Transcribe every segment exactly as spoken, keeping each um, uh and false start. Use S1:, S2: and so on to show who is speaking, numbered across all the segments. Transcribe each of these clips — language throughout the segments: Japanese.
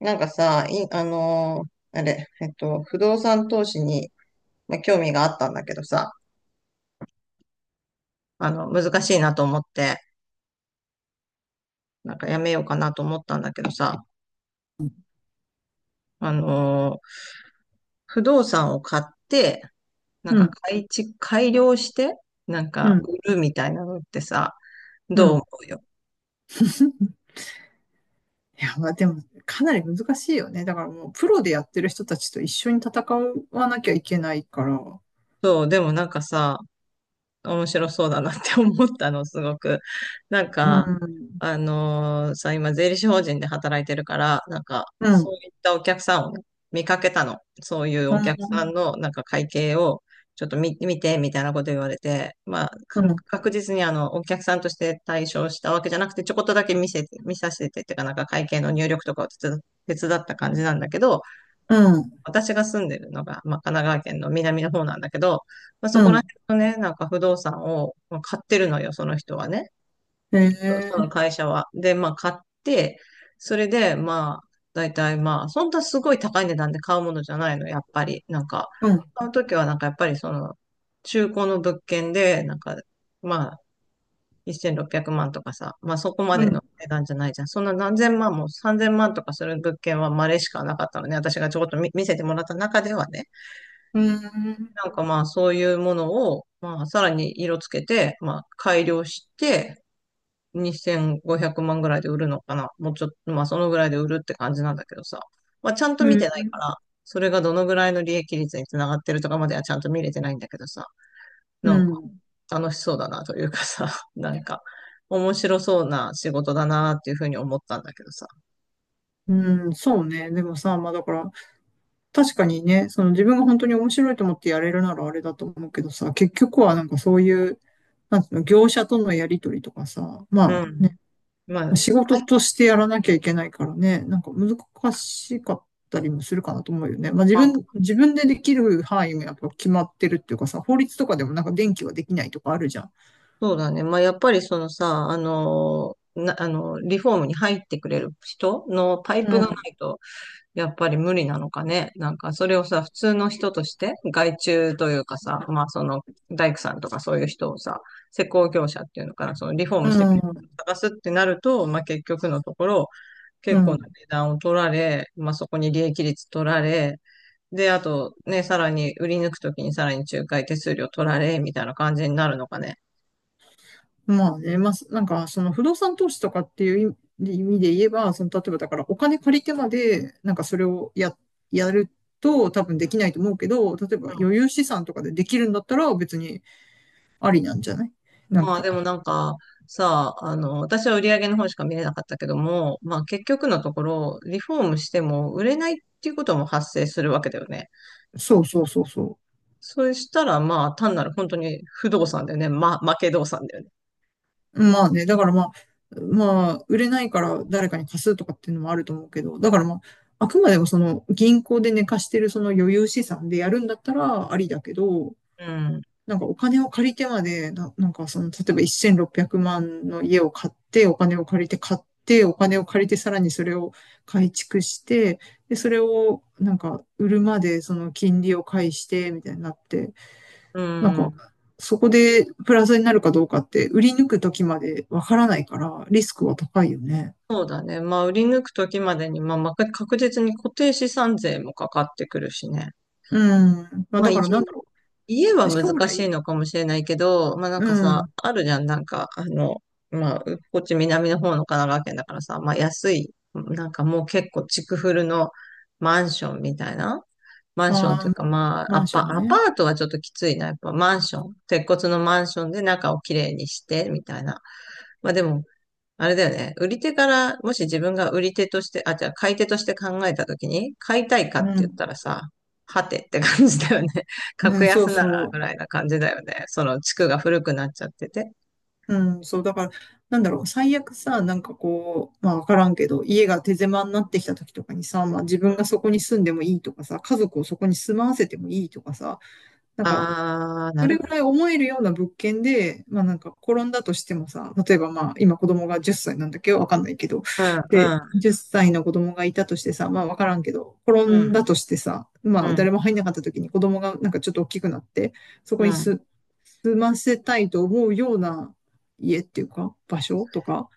S1: なんかさ、い、あのーあれ、えっと、不動産投資に、まあ、興味があったんだけどさ、あの、難しいなと思って、なんかやめようかなと思ったんだけどさ、あのー不動産を買って、なん
S2: う
S1: か
S2: ん、
S1: 改築、改良して、なん
S2: う
S1: か
S2: ん、
S1: 売るみたいなのってさ、
S2: う
S1: どう
S2: ん。
S1: 思う？
S2: いや、まあでも、かなり難しいよね。だからもう、プロでやってる人たちと一緒に戦わなきゃいけないから。
S1: そう、でもなんかさ、面白そうだなって思ったの、すごく。なん
S2: う
S1: か、
S2: ん、
S1: あのーさ、今、税理士法人で働いてるから、なんか、
S2: うん、う
S1: そう
S2: ん、
S1: いったお客さんを見かけたの。そういうお客さん
S2: う
S1: の、なんか、会計を、ちょっと見、見て、みたいなこと言われて、まあ、か
S2: ん、
S1: 確実に、あの、お客さんとして対象したわけじゃなくて、ちょこっとだけ見せて、見させてっていうか、なんか、会計の入力とかを手伝手伝った感じなんだけど、
S2: うん、
S1: 私が住んでるのが、まあ、神奈川県の南の方なんだけど、まあ、そ
S2: う
S1: こら
S2: ん。
S1: 辺のね、なんか不動産をまあ買ってるのよ、その人はね。
S2: へ
S1: その
S2: え、
S1: 会社は。で、まあ買って、それで、まあ、大体まあ、そんなすごい高い値段で買うものじゃないの、やっぱり。なんか、
S2: うん、
S1: 買うときはなんかやっぱりその、中古の物件で、なんか、まあ、せんろっぴゃくまんとかさ、まあそこま
S2: う
S1: での
S2: ん、
S1: 値段じゃないじゃん。そんな何千万もさんぜんまんとかする物件は稀しかなかったのね。私がちょこっと見見せてもらった中ではね。
S2: うん、
S1: なんかまあそういうものを、まあさらに色つけて、まあ改良して、にせんごひゃくまんぐらいで売るのかな。もうちょっと、まあそのぐらいで売るって感じなんだけどさ。まあちゃんと
S2: う
S1: 見
S2: ん、
S1: てないから、それがどのぐらいの利益率につながってるとかまではちゃんと見れてないんだけどさ。
S2: う
S1: なんか
S2: ん。
S1: 楽しそうだなというかさ、なんか面白そうな仕事だなっていうふうに思ったんだけどさ。
S2: うん、そうね。でもさ、まあだから、確かにね、その自分が本当に面白いと思ってやれるならあれだと思うけどさ、結局はなんかそういう、なんていうの、業者とのやりとりとかさ、
S1: う
S2: まあね
S1: ん。まあ、
S2: 仕
S1: は
S2: 事
S1: い。
S2: としてやらなきゃいけないからね、なんか難しかったりもするかなと思うよね。まあ自
S1: まあ
S2: 分、自分でできる範囲もやっぱ決まってるっていうかさ、法律とかでもなんか電気はできないとかあるじゃん。
S1: そうだね。まあ、やっぱりそのさ、あの、な、あの、リフォームに入ってくれる人のパイプ
S2: う
S1: がな
S2: ん、
S1: いと、やっぱり無理なのかね。なんか、それをさ、普通の人として、外注というかさ、まあ、その、大工さんとかそういう人をさ、施工業者っていうのかな、そのリフォー
S2: う
S1: ムしてくれる
S2: ん、
S1: 人を探すってなると、まあ、結局のところ、
S2: う
S1: 結構な
S2: ん。
S1: 値段を取られ、まあ、そこに利益率取られ、で、あと、ね、さらに売り抜くときにさらに仲介手数料取られ、みたいな感じになるのかね。
S2: まあね、まあ、なんかその不動産投資とかっていう意意味で言えば、その例えばだからお金借りてまで、なんかそれをや、やると多分できないと思うけど、例えば余裕資産とかでできるんだったら別にありなんじゃない？なん
S1: まあ
S2: か、
S1: でもなんかさ、あの、私は売り上げの方しか見れなかったけども、まあ結局のところ、リフォームしても売れないっていうことも発生するわけだよね。
S2: そうそうそうそう。
S1: そうしたらまあ単なる本当に不動産だよね。ま負け動産だよね。
S2: まあね、だからまあ、まあ、売れないから誰かに貸すとかっていうのもあると思うけど、だからまあ、あくまでもその銀行で寝かしてるその余裕資産でやるんだったらありだけど、
S1: うん。
S2: なんかお金を借りてまで、な、なんかその、例えばせんろっぴゃくまんの家を買って、お金を借りて買って、お金を借りてさらにそれを改築して、で、それをなんか売るまでその金利を返して、みたいになって、
S1: う
S2: なんか、
S1: ん。
S2: そこでプラスになるかどうかって、売り抜くときまでわからないから、リスクは高いよね。
S1: そうだね。まあ売り抜くときまでに、まあまあ確実に固定資産税もかかってくるしね。
S2: うん。まあ、
S1: まあ
S2: だ
S1: 家、
S2: からなんだろ
S1: 家は
S2: う。将
S1: 難しい
S2: 来、
S1: のかもしれないけど、まあなん
S2: う
S1: かさ、
S2: ん。
S1: あるじゃん、なんか、あの、まあ、うこっち南の方の神奈川県だからさ、まあ安い、なんかもう結構築古のマンションみたいな。マンション
S2: あ
S1: という
S2: あ、
S1: か、まあ、
S2: マ
S1: ア
S2: ンシ
S1: パ、ア
S2: ョン
S1: パ
S2: ね。
S1: ートはちょっときついな。やっぱマンション。鉄骨のマンションで中をきれいにして、みたいな。まあでも、あれだよね。売り手から、もし自分が売り手として、あ、じゃあ買い手として考えたときに、買いたいかって
S2: う
S1: 言っ
S2: ん。
S1: たらさ、はてって感じだよね。
S2: う
S1: 格
S2: ん、そう
S1: 安な
S2: そ
S1: ら
S2: う。
S1: ぐらいな感じだよね。その地区が古くなっちゃってて。
S2: うん、そう。だから、なんだろう。最悪さ、なんかこう、まあわからんけど、家が手狭になってきた時とかにさ、まあ自分がそこに住んでもいいとかさ、家族をそこに住まわせてもいいとかさ、なんか、
S1: あー、
S2: そ
S1: なる
S2: れ
S1: ほ
S2: ぐらい
S1: ど。
S2: 思えるような物件で、まあなんか転んだとしてもさ、例えばまあ今子供がじゅっさいなんだっけど、わかんないけど、
S1: うん、
S2: で、
S1: うん、
S2: じゅっさいの子供がいたとしてさ、まあわからんけど、転
S1: う
S2: ん
S1: ん、
S2: だとしてさ、ま
S1: う
S2: あ誰
S1: ん、
S2: も入んなかった時に子供がなんかちょっと大きくなって、そこ
S1: う
S2: に
S1: ん。
S2: す、住ませたいと思うような家っていうか、場所とか、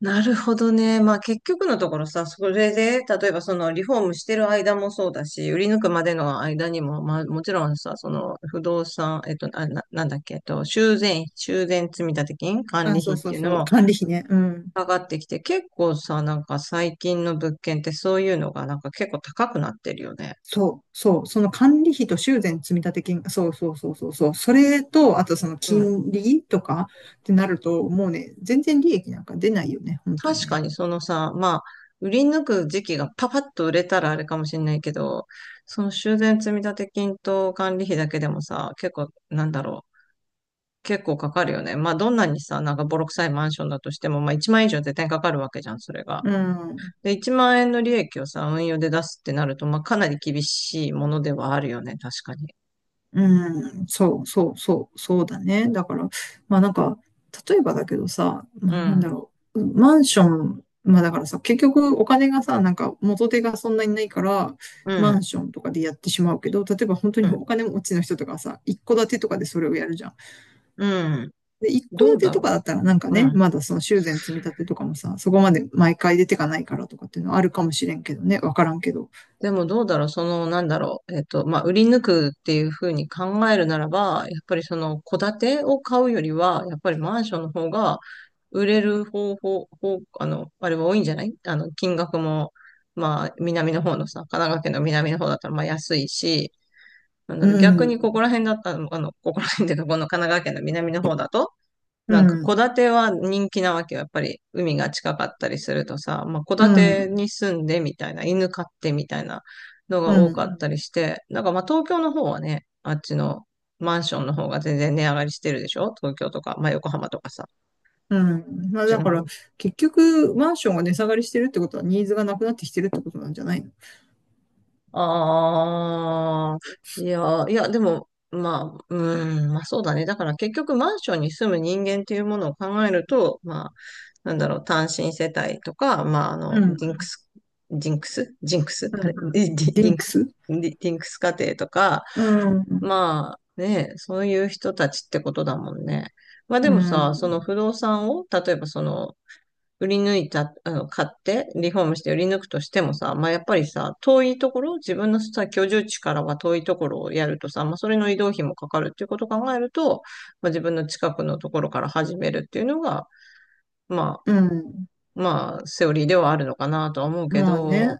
S1: なるほどね。まあ結局のところさ、それで、例えばそのリフォームしてる間もそうだし、売り抜くまでの間にも、まあもちろんさ、その不動産、えっと、あ、な、なんだっけ、えっと、修繕、修繕積立金、管理
S2: あ、そ
S1: 費
S2: う
S1: っ
S2: そ
S1: て
S2: う
S1: いうの
S2: そう、
S1: も
S2: 管理費ね、うん。
S1: 上がってきて、結構さ、なんか最近の物件ってそういうのがなんか結構高くなってるよね。
S2: そう、そう、その管理費と修繕積立金、そうそうそうそう、そう、それと、あとその金利とかってなると、もうね、全然利益なんか出ないよね、本当に
S1: 確か
S2: ね。
S1: にそのさ、まあ、売り抜く時期がパパッと売れたらあれかもしれないけど、その修繕積立金と管理費だけでもさ、結構、なんだろう、結構かかるよね。まあ、どんなにさ、なんかボロ臭いマンションだとしても、まあ、いちまん円以上絶対かかるわけじゃん、それが。
S2: うん、
S1: で、いちまん円の利益をさ、運用で出すってなると、まあ、かなり厳しいものではあるよね、確かに。
S2: うん、そうそうそう、そうだね。だから、まあなんか、例えばだけどさ、ま
S1: う
S2: あなんだ
S1: ん、
S2: ろう、マンション、まあだからさ、結局お金がさ、なんか元手がそんなにないから、
S1: う
S2: マン
S1: ん、
S2: ションとかでやってしまうけど、例えば本当
S1: う
S2: に
S1: ん、
S2: お金持ちの人とかさ、一戸建てとかでそれをやるじゃん。
S1: うん。
S2: で、一戸
S1: ど
S2: 建
S1: う
S2: て
S1: だ
S2: とか
S1: ろ
S2: だったらなんか
S1: う。う
S2: ね、
S1: ん。
S2: まだその修繕積み立てとかもさ、そこまで毎回出てかないからとかっていうのはあるかもしれんけどね、わからんけど。
S1: でもどうだろう、その、なんだろう、えっと、まあ、売り抜くっていうふうに考えるならば、やっぱりその、戸建てを買うよりは、やっぱりマンションの方が、売れる方法、方、あの、あれは多いんじゃない？あの、金額も、まあ、南の方のさ、神奈川県の南の方だったら、まあ、安いし、なんだ
S2: う
S1: ろう、逆にここ
S2: ん、
S1: ら辺だったら、あの、ここら辺っていうか、この神奈川県の南の方だと、
S2: う
S1: なんか戸
S2: ん、
S1: 建ては人気なわけよ。やっぱり海が近かったりするとさ、まあ戸
S2: う
S1: 建て
S2: ん、
S1: に住んでみたいな、犬飼ってみたいなのが
S2: う
S1: 多かっ
S2: ん、
S1: たりして、なんかまあ東京の方はね、あっちのマンションの方が全然値上がりしてるでしょ？東京とか、まあ横浜とかさ、こっ
S2: うん。まあ
S1: ち
S2: だ
S1: の
S2: から、
S1: 方。
S2: 結局、マンションが値下がりしてるってことはニーズがなくなってきてるってことなんじゃないの？
S1: ああ、いや、いや、でも、まあ、うん、まあそうだね。だから結局マンションに住む人間っていうものを考えると、まあ、なんだろう、単身世帯とか、まあ、あの、
S2: う
S1: ディンク
S2: ん、
S1: ス、ジンクスジンクス
S2: う
S1: あれ
S2: ん。
S1: ディ、ディ
S2: リ
S1: ディ
S2: ン
S1: ン
S2: ク
S1: クス
S2: ス。
S1: ディ、ディンクス家庭とか、
S2: うん、
S1: まあね、そういう人たちってことだもんね。まあ
S2: う
S1: でもさ、その
S2: ん、
S1: 不動産を、例えばその売り抜いた、あの、買って、リフォームして売り抜くとしてもさ、まあ、やっぱりさ、遠いところ、自分のさ、居住地からは遠いところをやるとさ、まあ、それの移動費もかかるっていうことを考えると、まあ、自分の近くのところから始めるっていうのが、ま
S2: うん。
S1: あ、まあ、セオリーではあるのかなとは思うけ
S2: まあ
S1: ど、
S2: ね、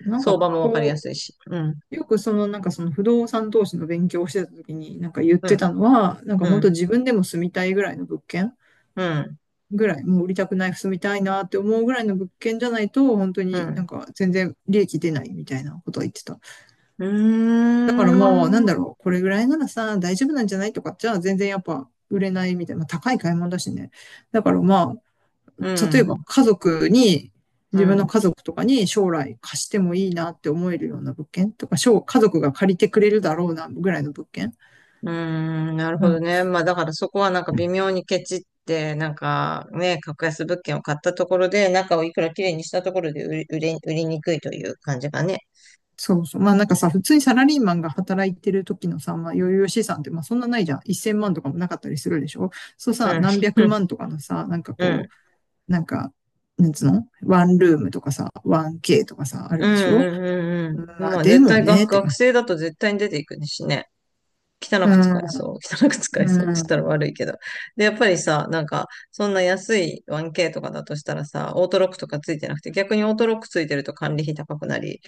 S2: なん
S1: 相
S2: か
S1: 場もわかりや
S2: こ
S1: すいし。うん、
S2: う、よくそのなんかその不動産投資の勉強をしてた時になんか言っ
S1: う
S2: て
S1: ん、
S2: たのは、なんか
S1: う
S2: 本
S1: ん、
S2: 当自分でも住みたいぐらいの物件
S1: うん、
S2: ぐらい、もう売りたくない、住みたいなって思うぐらいの物件じゃないと、本当
S1: う
S2: にな
S1: ん。
S2: んか全然利益出ないみたいなことは言ってた。
S1: うー
S2: だからもうなん
S1: ん、
S2: だろう、これぐらいならさ、大丈夫なんじゃないとかじゃあ全然やっぱ売れないみたいな、まあ高い買い物だしね。だからま
S1: う
S2: あ、例えば
S1: ん、
S2: 家族に、
S1: う
S2: 自分の
S1: ん。
S2: 家族とかに将来貸してもいいなって思えるような物件とか、家族が借りてくれるだろうなぐらいの物件。
S1: うーん、なる
S2: う
S1: ほ
S2: ん。
S1: どね。まあだからそこはなんか微妙にケチって、なんかね、格安物件を買ったところで、中をいくら綺麗にしたところで売り、売れ、売りにくいという感じかね。
S2: そうそう。まあなんかさ、普通にサラリーマンが働いてる時のさ、まあ余裕資産ってまあそんなないじゃん。せんまんとかもなかったりするでしょ？そう
S1: う
S2: さ、
S1: ん、
S2: 何
S1: う
S2: 百
S1: ん、
S2: 万とかのさ、なんか
S1: う
S2: こ
S1: ん、
S2: う、なんか、なんつうのワンルームとかさ、ワンケー とかさ、あ
S1: う
S2: るでしょ？
S1: ん、うん。うん
S2: まあ
S1: まあ
S2: で
S1: 絶
S2: も
S1: 対
S2: ね、っ
S1: 学、
S2: て
S1: 学
S2: 感じ。
S1: 生だと絶対に出ていくねしね。汚
S2: う
S1: く使
S2: ん、
S1: えそう。汚く使えそうって言っ
S2: う
S1: たら
S2: ん、
S1: 悪いけど。で、やっぱりさ、なんか、そんな安い ワンケー とかだとしたらさ、オートロックとかついてなくて、逆にオートロックついてると管理費高くなり、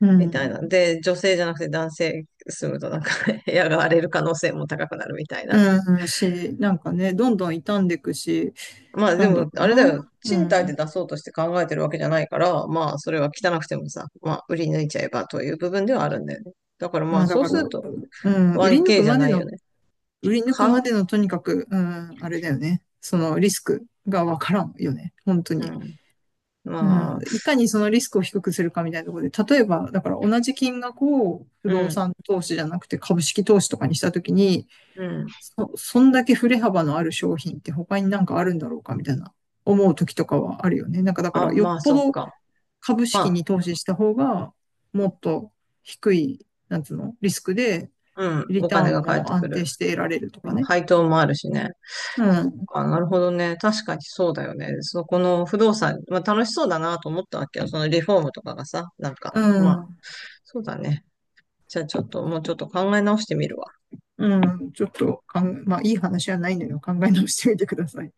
S2: う
S1: みたいな。
S2: ん。
S1: で、女性じゃなくて男性住むとなんか 部屋が荒れる可能性も高くなるみたいな。
S2: うん、し、なんかね、どんどん傷んでいくし、
S1: まあで
S2: なんだ
S1: も、
S2: ろう
S1: あれ
S2: な。
S1: だよ。
S2: う
S1: 賃貸で
S2: ん。
S1: 出そうとして考えてるわけじゃないから、まあそれは汚くてもさ、まあ売り抜いちゃえばという部分ではあるんだよね。だからま
S2: ま
S1: あ
S2: あだ
S1: そう
S2: から、
S1: すると
S2: うん、売り抜
S1: ワンケー
S2: く
S1: じゃ
S2: まで
S1: ないよ
S2: の、
S1: ね。
S2: 売り抜く
S1: 買
S2: ま
S1: う？
S2: でのとにかく、うん、あれだよね。そのリスクがわからんよね。本当
S1: う
S2: に。
S1: ん。
S2: う
S1: ま
S2: ん、
S1: あ、
S2: いかにそのリスクを低くするかみたいなところで、例えば、だから同じ金額を不
S1: う
S2: 動
S1: ん、
S2: 産投資じゃなくて株式投資とかにしたときに、
S1: うん。
S2: そ、そんだけ振れ幅のある商品って他になんかあるんだろうかみたいな思うときとかはあるよね。なんかだか
S1: あ、
S2: ら、よ
S1: ま
S2: っ
S1: あ
S2: ぽ
S1: そっ
S2: ど
S1: か。
S2: 株式
S1: ま
S2: に投資した方が、もっと低い、なんつうの、リスクで、
S1: あ、うん。
S2: リ
S1: お
S2: ター
S1: 金
S2: ン
S1: が返っ
S2: も
S1: てく
S2: 安定
S1: る。
S2: して得られるとかね。
S1: 配当もあるしね。
S2: う
S1: そっ
S2: ん、
S1: か、なるほどね。確かにそうだよね。そこの不動産、まあ楽しそうだなと思ったわけよ。そのリフォームとかがさ、なんか、
S2: う
S1: まあ、
S2: ん、
S1: そうだね。じゃあちょっともうちょっと考え直してみるわ。
S2: うん、ちょっとかん、まあ、いい話はないのよ。考え直してみてください。